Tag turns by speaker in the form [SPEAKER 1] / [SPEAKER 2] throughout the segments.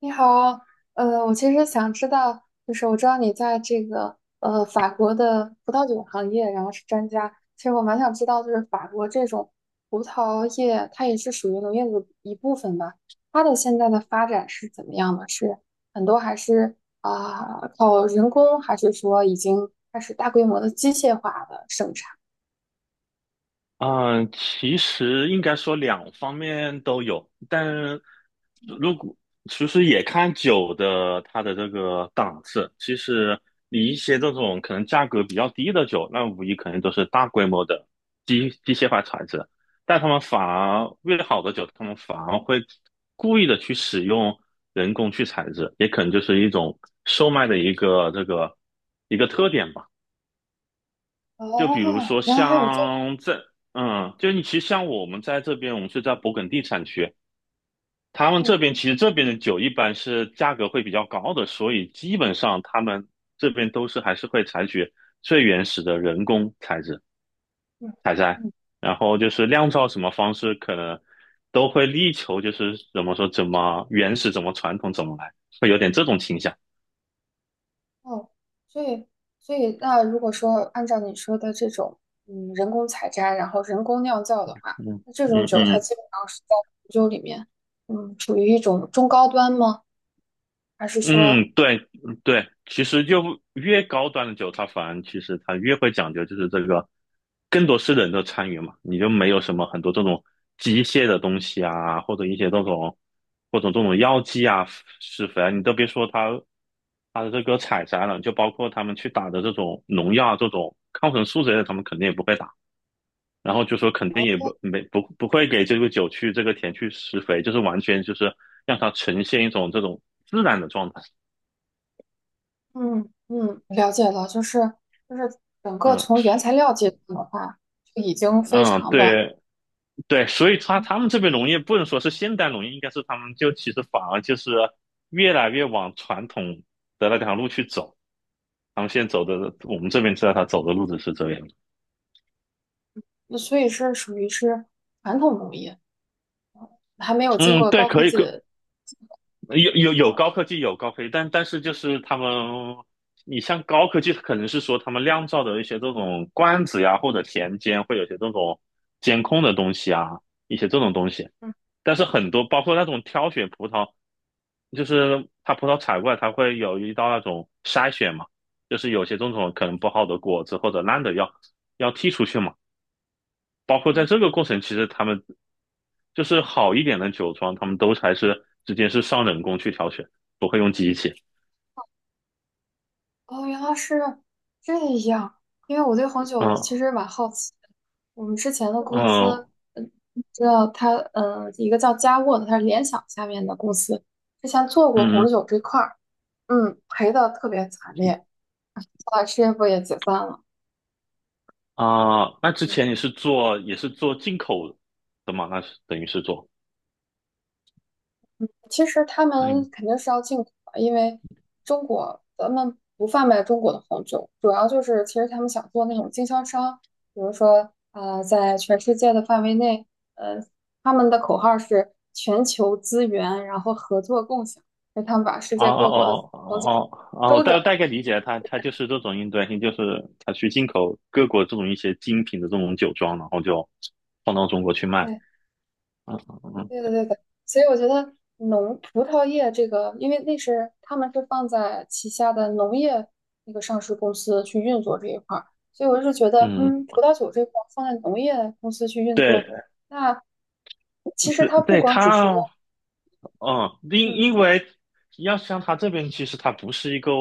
[SPEAKER 1] 你好，我其实想知道，就是我知道你在这个法国的葡萄酒行业，然后是专家。其实我蛮想知道，就是法国这种葡萄业，它也是属于农业的一部分吧？它的现在的发展是怎么样的？是很多还是靠人工，还是说已经开始大规模的机械化的生产？
[SPEAKER 2] 嗯，其实应该说两方面都有，但如果其实也看酒的它的这个档次。其实你一些这种可能价格比较低的酒，那无疑肯定都是大规模的机械化产制，但他们反而越好的酒，他们反而会故意的去使用人工去采制，也可能就是一种售卖的一个这个一个特点吧。就
[SPEAKER 1] 哦，
[SPEAKER 2] 比如说
[SPEAKER 1] 原来还有这，
[SPEAKER 2] 像这，嗯，就你其实像我们在这边，我们是在勃艮第产区，他们
[SPEAKER 1] 嗯
[SPEAKER 2] 这边其实这边的酒一般是价格会比较高的，所以基本上他们这边都是还是会采取最原始的人工采制
[SPEAKER 1] 嗯。
[SPEAKER 2] 采摘，然后就是酿造什么方式可能都会力求就是怎么说怎么原始怎么传统怎么来，会有点这种倾向。
[SPEAKER 1] 哦，所以，所以那如果说按照你说的这种，嗯，人工采摘，然后人工酿造的话，
[SPEAKER 2] 嗯
[SPEAKER 1] 那这种
[SPEAKER 2] 嗯
[SPEAKER 1] 酒它
[SPEAKER 2] 嗯
[SPEAKER 1] 基本上是在红酒里面，嗯，处于一种中高端吗？还是说，
[SPEAKER 2] 嗯，对嗯对，其实就越高端的酒，它反而其实它越会讲究，就是这个更多是人的参与嘛，你就没有什么很多这种机械的东西啊，或者一些这种或者这种药剂啊、施肥啊，你都别说它的这个采摘了，就包括他们去打的这种农药啊、这种抗生素之类的，他们肯定也不会打，然后就说肯定也不没不不会给这个酒去这个田去施肥，就是完全就是让它呈现一种这种自然的状态。
[SPEAKER 1] 嗯嗯，了解了，就是整个
[SPEAKER 2] 嗯
[SPEAKER 1] 从原材料阶段的话，就已经非
[SPEAKER 2] 嗯，
[SPEAKER 1] 常的，
[SPEAKER 2] 对对，所以
[SPEAKER 1] 嗯，
[SPEAKER 2] 他们这边农业不能说是现代农业，应该是他们就其实反而就是越来越往传统的那条路去走。他们现在走的，我们这边知道他走的路子是这样的。
[SPEAKER 1] 那所以是属于是传统工艺，还没有经
[SPEAKER 2] 嗯，
[SPEAKER 1] 过
[SPEAKER 2] 对，
[SPEAKER 1] 高科
[SPEAKER 2] 可以，
[SPEAKER 1] 技的，
[SPEAKER 2] 有高科技，有高科技，但是就是他们，你像高科技，可能是说他们酿造的一些这种罐子呀，或者田间会有些这种监控的东西啊，一些这种东西。
[SPEAKER 1] 嗯
[SPEAKER 2] 但是很多包括那种挑选葡萄。就是它葡萄采过来，它会有一道那种筛选嘛，就是有些种可能不好的果子或者烂的要剔出去嘛。包括在
[SPEAKER 1] 嗯。
[SPEAKER 2] 这个过程，其实他们就是好一点的酒庄，他们都还是直接是上人工去挑选，不会用机器。
[SPEAKER 1] 哦，原来是这样。因为我对红酒其
[SPEAKER 2] 嗯
[SPEAKER 1] 实蛮好奇的。我们之前的公司，
[SPEAKER 2] 嗯
[SPEAKER 1] 嗯，知道它，嗯，一个叫佳沃的，它是联想下面的公司，之前做过红
[SPEAKER 2] 嗯
[SPEAKER 1] 酒这块儿，嗯，赔的特别惨烈。后来事业部也解散了。
[SPEAKER 2] 啊，那之
[SPEAKER 1] 对，
[SPEAKER 2] 前你是做也是做进口的嘛？那是等于是做。
[SPEAKER 1] 其实他
[SPEAKER 2] 嗯。
[SPEAKER 1] 们肯定是要进口的，因为中国咱们不贩卖中国的红酒，主要就是其实他们想做那种经销商，比如说在全世界的范围内，呃，他们的口号是全球资源，然后合作共享，所以他们把世
[SPEAKER 2] 哦
[SPEAKER 1] 界各国的
[SPEAKER 2] 哦哦
[SPEAKER 1] 红酒
[SPEAKER 2] 哦哦，哦我
[SPEAKER 1] 周转。
[SPEAKER 2] 大概理解了它就是这种应对性，就是他去进口各国这种一些精品的这种酒庄，然后就放到中国去卖。
[SPEAKER 1] 哎，
[SPEAKER 2] 嗯嗯
[SPEAKER 1] 对的，对的，所以我觉得农葡萄业这个，因为那是他们是放在旗下的农业那个上市公司去运作这一块儿，所以我是觉得，
[SPEAKER 2] 嗯，
[SPEAKER 1] 嗯，葡萄酒这块儿放在农业公司去运作，
[SPEAKER 2] 对
[SPEAKER 1] 那其实
[SPEAKER 2] 对
[SPEAKER 1] 它不
[SPEAKER 2] 对，
[SPEAKER 1] 光只是要，
[SPEAKER 2] 它，嗯，
[SPEAKER 1] 嗯
[SPEAKER 2] 因为要像他这边，其实他不是一个。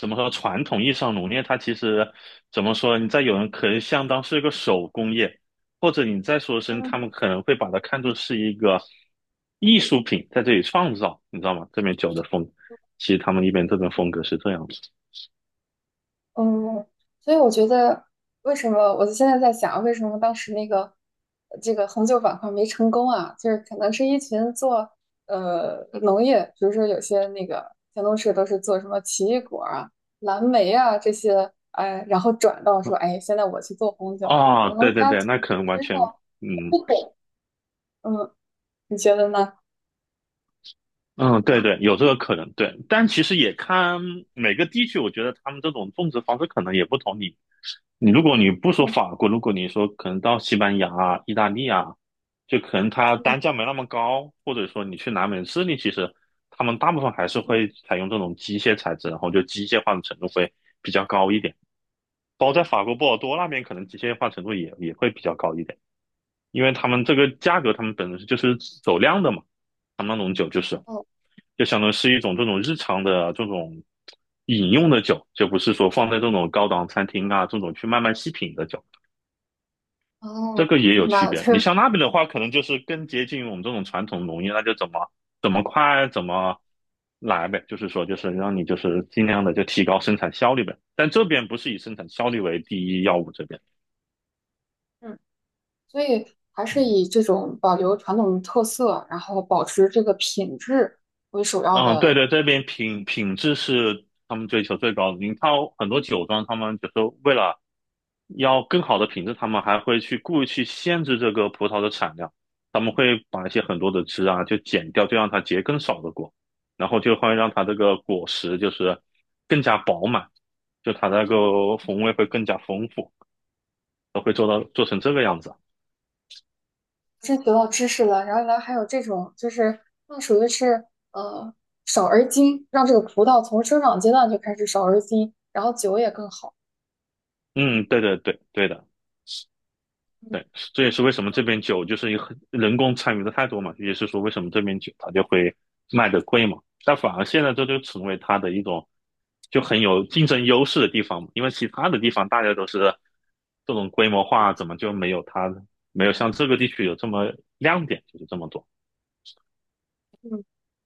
[SPEAKER 2] 怎么说？传统意义上农业，它其实怎么说？你在有人可能相当是一个手工业，或者你再说声，
[SPEAKER 1] 嗯。
[SPEAKER 2] 他们可能会把它看作是一个艺术品，在这里创造，你知道吗？这边酒的风，其实他们一边这边风格是这样子。
[SPEAKER 1] 嗯，所以我觉得，为什么我现在在想，为什么当时那个这个红酒板块没成功啊？就是可能是一群做农业，比如说有些那个前同事都是做什么奇异果啊、蓝莓啊这些，哎，然后转到说，哎，现在我去做红酒，可
[SPEAKER 2] 哦，对
[SPEAKER 1] 能
[SPEAKER 2] 对
[SPEAKER 1] 他
[SPEAKER 2] 对，那可能完
[SPEAKER 1] 身
[SPEAKER 2] 全，
[SPEAKER 1] 上
[SPEAKER 2] 嗯
[SPEAKER 1] 不懂，嗯，你觉得呢？
[SPEAKER 2] 嗯，
[SPEAKER 1] 对
[SPEAKER 2] 对
[SPEAKER 1] 吧？
[SPEAKER 2] 对，有这个可能，对。但其实也看每个地区，我觉得他们这种种植方式可能也不同。你如果你不说
[SPEAKER 1] 嗯
[SPEAKER 2] 法国，如果你说可能到西班牙啊、意大利啊，就可能它
[SPEAKER 1] 嗯。
[SPEAKER 2] 单价没那么高，或者说你去南美、智利，其实他们大部分还是
[SPEAKER 1] 嗯，
[SPEAKER 2] 会采用这种机械材质，然后就机械化的程度会比较高一点。包括在法国波尔多那边，可能机械化程度也会比较高一点，因为他们这个价格，他们本身就是走量的嘛，他们那种酒就是
[SPEAKER 1] 哦
[SPEAKER 2] 就相当于是一种这种日常的这种饮用的酒，就不是说放在这种高档餐厅啊这种去慢慢细品的酒。这
[SPEAKER 1] 哦，
[SPEAKER 2] 个也有
[SPEAKER 1] 明白
[SPEAKER 2] 区
[SPEAKER 1] 了，就
[SPEAKER 2] 别。你
[SPEAKER 1] 是。
[SPEAKER 2] 像那边的话，可能就是更接近我们这种传统农业，那就怎么快怎么来呗，就是说就是让你就是尽量的就提高生产效率呗。但这边不是以生产效率为第一要务，这边，
[SPEAKER 1] 嗯。所以还是
[SPEAKER 2] 嗯，
[SPEAKER 1] 以这种保留传统特色，然后保持这个品质为首要
[SPEAKER 2] 嗯对
[SPEAKER 1] 的。
[SPEAKER 2] 对，这边品质是他们追求最高的。你看很多酒庄，他们就是为了要更好的品质，他们还会去故意去限制这个葡萄的产量，他们会把一些很多的枝啊就剪掉，就让它结更少的果，然后就会让它这个果实就是更加饱满，就它那个风味会更加丰富，都会做到做成这个样子啊。
[SPEAKER 1] 真得到知识了，然后呢，还有这种就是那属于是呃少而精，让这个葡萄从生长阶段就开始少而精，然后酒也更好。嗯
[SPEAKER 2] 嗯，对对对对的。
[SPEAKER 1] 嗯，对。
[SPEAKER 2] 对，这也是为什么这边酒就是一个很人工参与的太多嘛，也是说为什么这边酒它就会卖的贵嘛。但反而现在这就成为它的一种就很有竞争优势的地方嘛，因为其他的地方大家都是这种规模化，怎么就没有它没有像这个地区有这么亮点，就是这么多。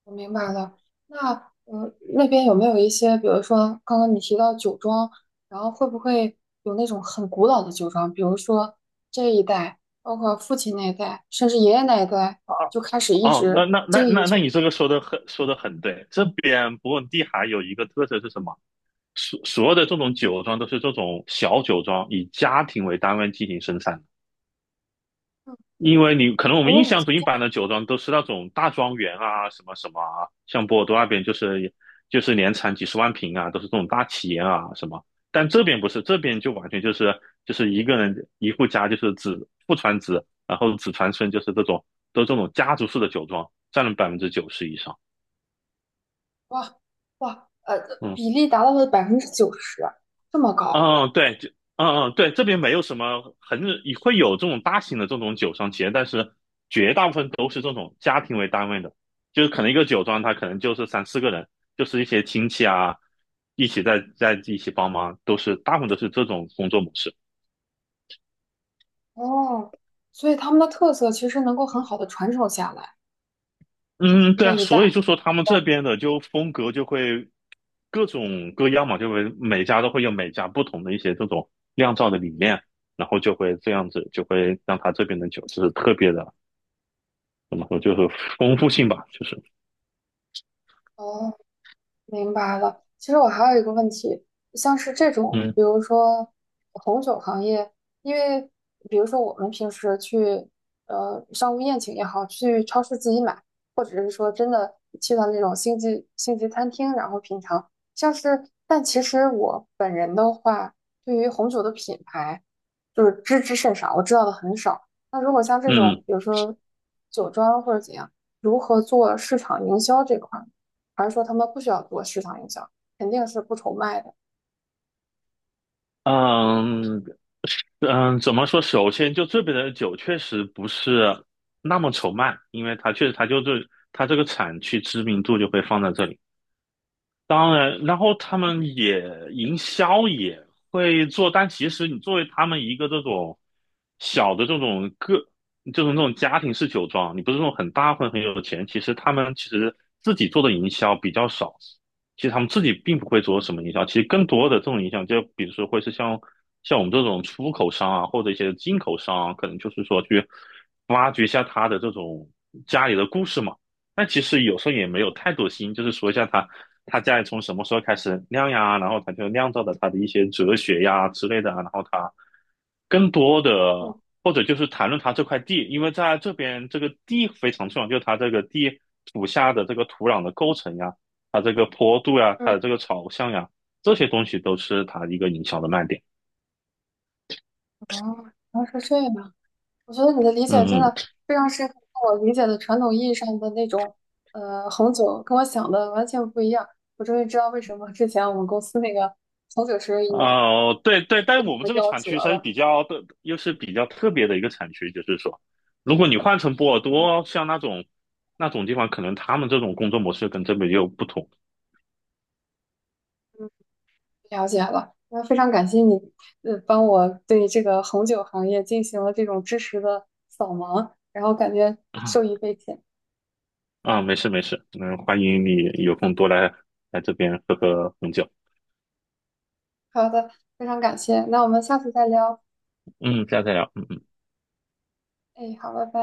[SPEAKER 1] 我明白了。那那边有没有一些，比如说刚刚你提到酒庄，然后会不会有那种很古老的酒庄？比如说这一代，包括父亲那一代，甚至爷爷那一代，
[SPEAKER 2] 啊。
[SPEAKER 1] 就开始一
[SPEAKER 2] 哦，那
[SPEAKER 1] 直
[SPEAKER 2] 那那
[SPEAKER 1] 经营
[SPEAKER 2] 那那
[SPEAKER 1] 酒。
[SPEAKER 2] 你这个说的很对。这边勃艮第还有一个特色是什么？所有的这种酒庄都是这种小酒庄，以家庭为单位进行生产。
[SPEAKER 1] 嗯，
[SPEAKER 2] 因为你可能我们印
[SPEAKER 1] 哦，
[SPEAKER 2] 象中一般的酒庄都是那种大庄园啊，什么什么啊，像波尔多那边就是就是年产几十万瓶啊，都是这种大企业啊什么。但这边不是，这边就完全就是就是一个人一户家就是子父传子，然后子传孙，就是这种都是这种家族式的酒庄，占了90%以上。
[SPEAKER 1] 哇哇，
[SPEAKER 2] 嗯，
[SPEAKER 1] 比例达到了90%，这么高
[SPEAKER 2] 嗯，对，就嗯嗯对，这边没有什么很也会有这种大型的这种酒商企业，但是绝大部分都是这种家庭为单位的，就是可能一个酒庄它可能就是三四个人，就是一些亲戚啊，一起在一起帮忙，都是大部分都是这种工作模式。
[SPEAKER 1] 哦。所以他们的特色其实能够很好的传承下来，
[SPEAKER 2] 嗯，
[SPEAKER 1] 因
[SPEAKER 2] 对
[SPEAKER 1] 为
[SPEAKER 2] 啊，
[SPEAKER 1] 一
[SPEAKER 2] 所以
[SPEAKER 1] 代。
[SPEAKER 2] 就说他们这边的就风格就会各种各样嘛，就会每家都会有每家不同的一些这种酿造的理念，然后就会这样子，就会让他这边的酒是特别的。怎么说，就是丰富性吧，就是
[SPEAKER 1] 哦，明白了。其实我还有一个问题，像是这种，
[SPEAKER 2] 嗯
[SPEAKER 1] 比如说红酒行业，因为比如说我们平时去商务宴请也好，去超市自己买，或者是说真的去到那种星级餐厅，然后品尝，像是，但其实我本人的话，对于红酒的品牌就是知之甚少，我知道的很少。那如果像这种，
[SPEAKER 2] 嗯
[SPEAKER 1] 比如说酒庄或者怎样，如何做市场营销这块儿？还是说他们不需要做市场营销，肯定是不愁卖的。
[SPEAKER 2] 嗯嗯，怎么说？首先，就这边的酒确实不是那么愁卖，因为它确实它就是它这个产区知名度就会放在这里。当然，然后他们也营销也会做，但其实你作为他们一个这种小的这种个，就是那种家庭式酒庄，你不是那种很大或者很有钱，其实他们其实自己做的营销比较少，其实他们自己并不会做什么营销，其实更多的这种影响就比如说会是像我们这种出口商啊，或者一些进口商啊，可能就是说去挖掘一下他的这种家里的故事嘛。但其实有时候也没有太多心，就是说一下他家里从什么时候开始酿呀，然后他就酿造的他的一些哲学呀之类的啊，然后他更多
[SPEAKER 1] 嗯
[SPEAKER 2] 的或者就是谈论他这块地，因为在这边这个地非常重要，就是他这个地土下的这个土壤的构成呀，它这个坡度呀，它
[SPEAKER 1] 嗯，
[SPEAKER 2] 的这个朝向呀，这些东西都是它一个营销的卖点。
[SPEAKER 1] 哦，原来是这样。我觉得你的理解真
[SPEAKER 2] 嗯
[SPEAKER 1] 的
[SPEAKER 2] 嗯。
[SPEAKER 1] 非常适合我理解的传统意义上的那种红酒，跟我想的完全不一样。我终于知道为什么之前我们公司那个红酒生意
[SPEAKER 2] 哦，对对，但我们
[SPEAKER 1] 我
[SPEAKER 2] 这个
[SPEAKER 1] 夭
[SPEAKER 2] 产
[SPEAKER 1] 折
[SPEAKER 2] 区算是
[SPEAKER 1] 了，
[SPEAKER 2] 比较的，又是比较特别的一个产区，就是说，如果你换成波尔多，像那种那种地方，可能他们这种工作模式跟这边又不同。
[SPEAKER 1] 了解了。那非常感谢你，帮我对这个红酒行业进行了这种知识的扫盲，然后感觉 受
[SPEAKER 2] 啊，
[SPEAKER 1] 益匪浅。
[SPEAKER 2] 啊没事没事，嗯，欢迎你有空多来来这边喝喝红酒。
[SPEAKER 1] 好的，非常感谢，那我们下次再聊。
[SPEAKER 2] 嗯，下次再聊。嗯。
[SPEAKER 1] 哎，好，拜拜。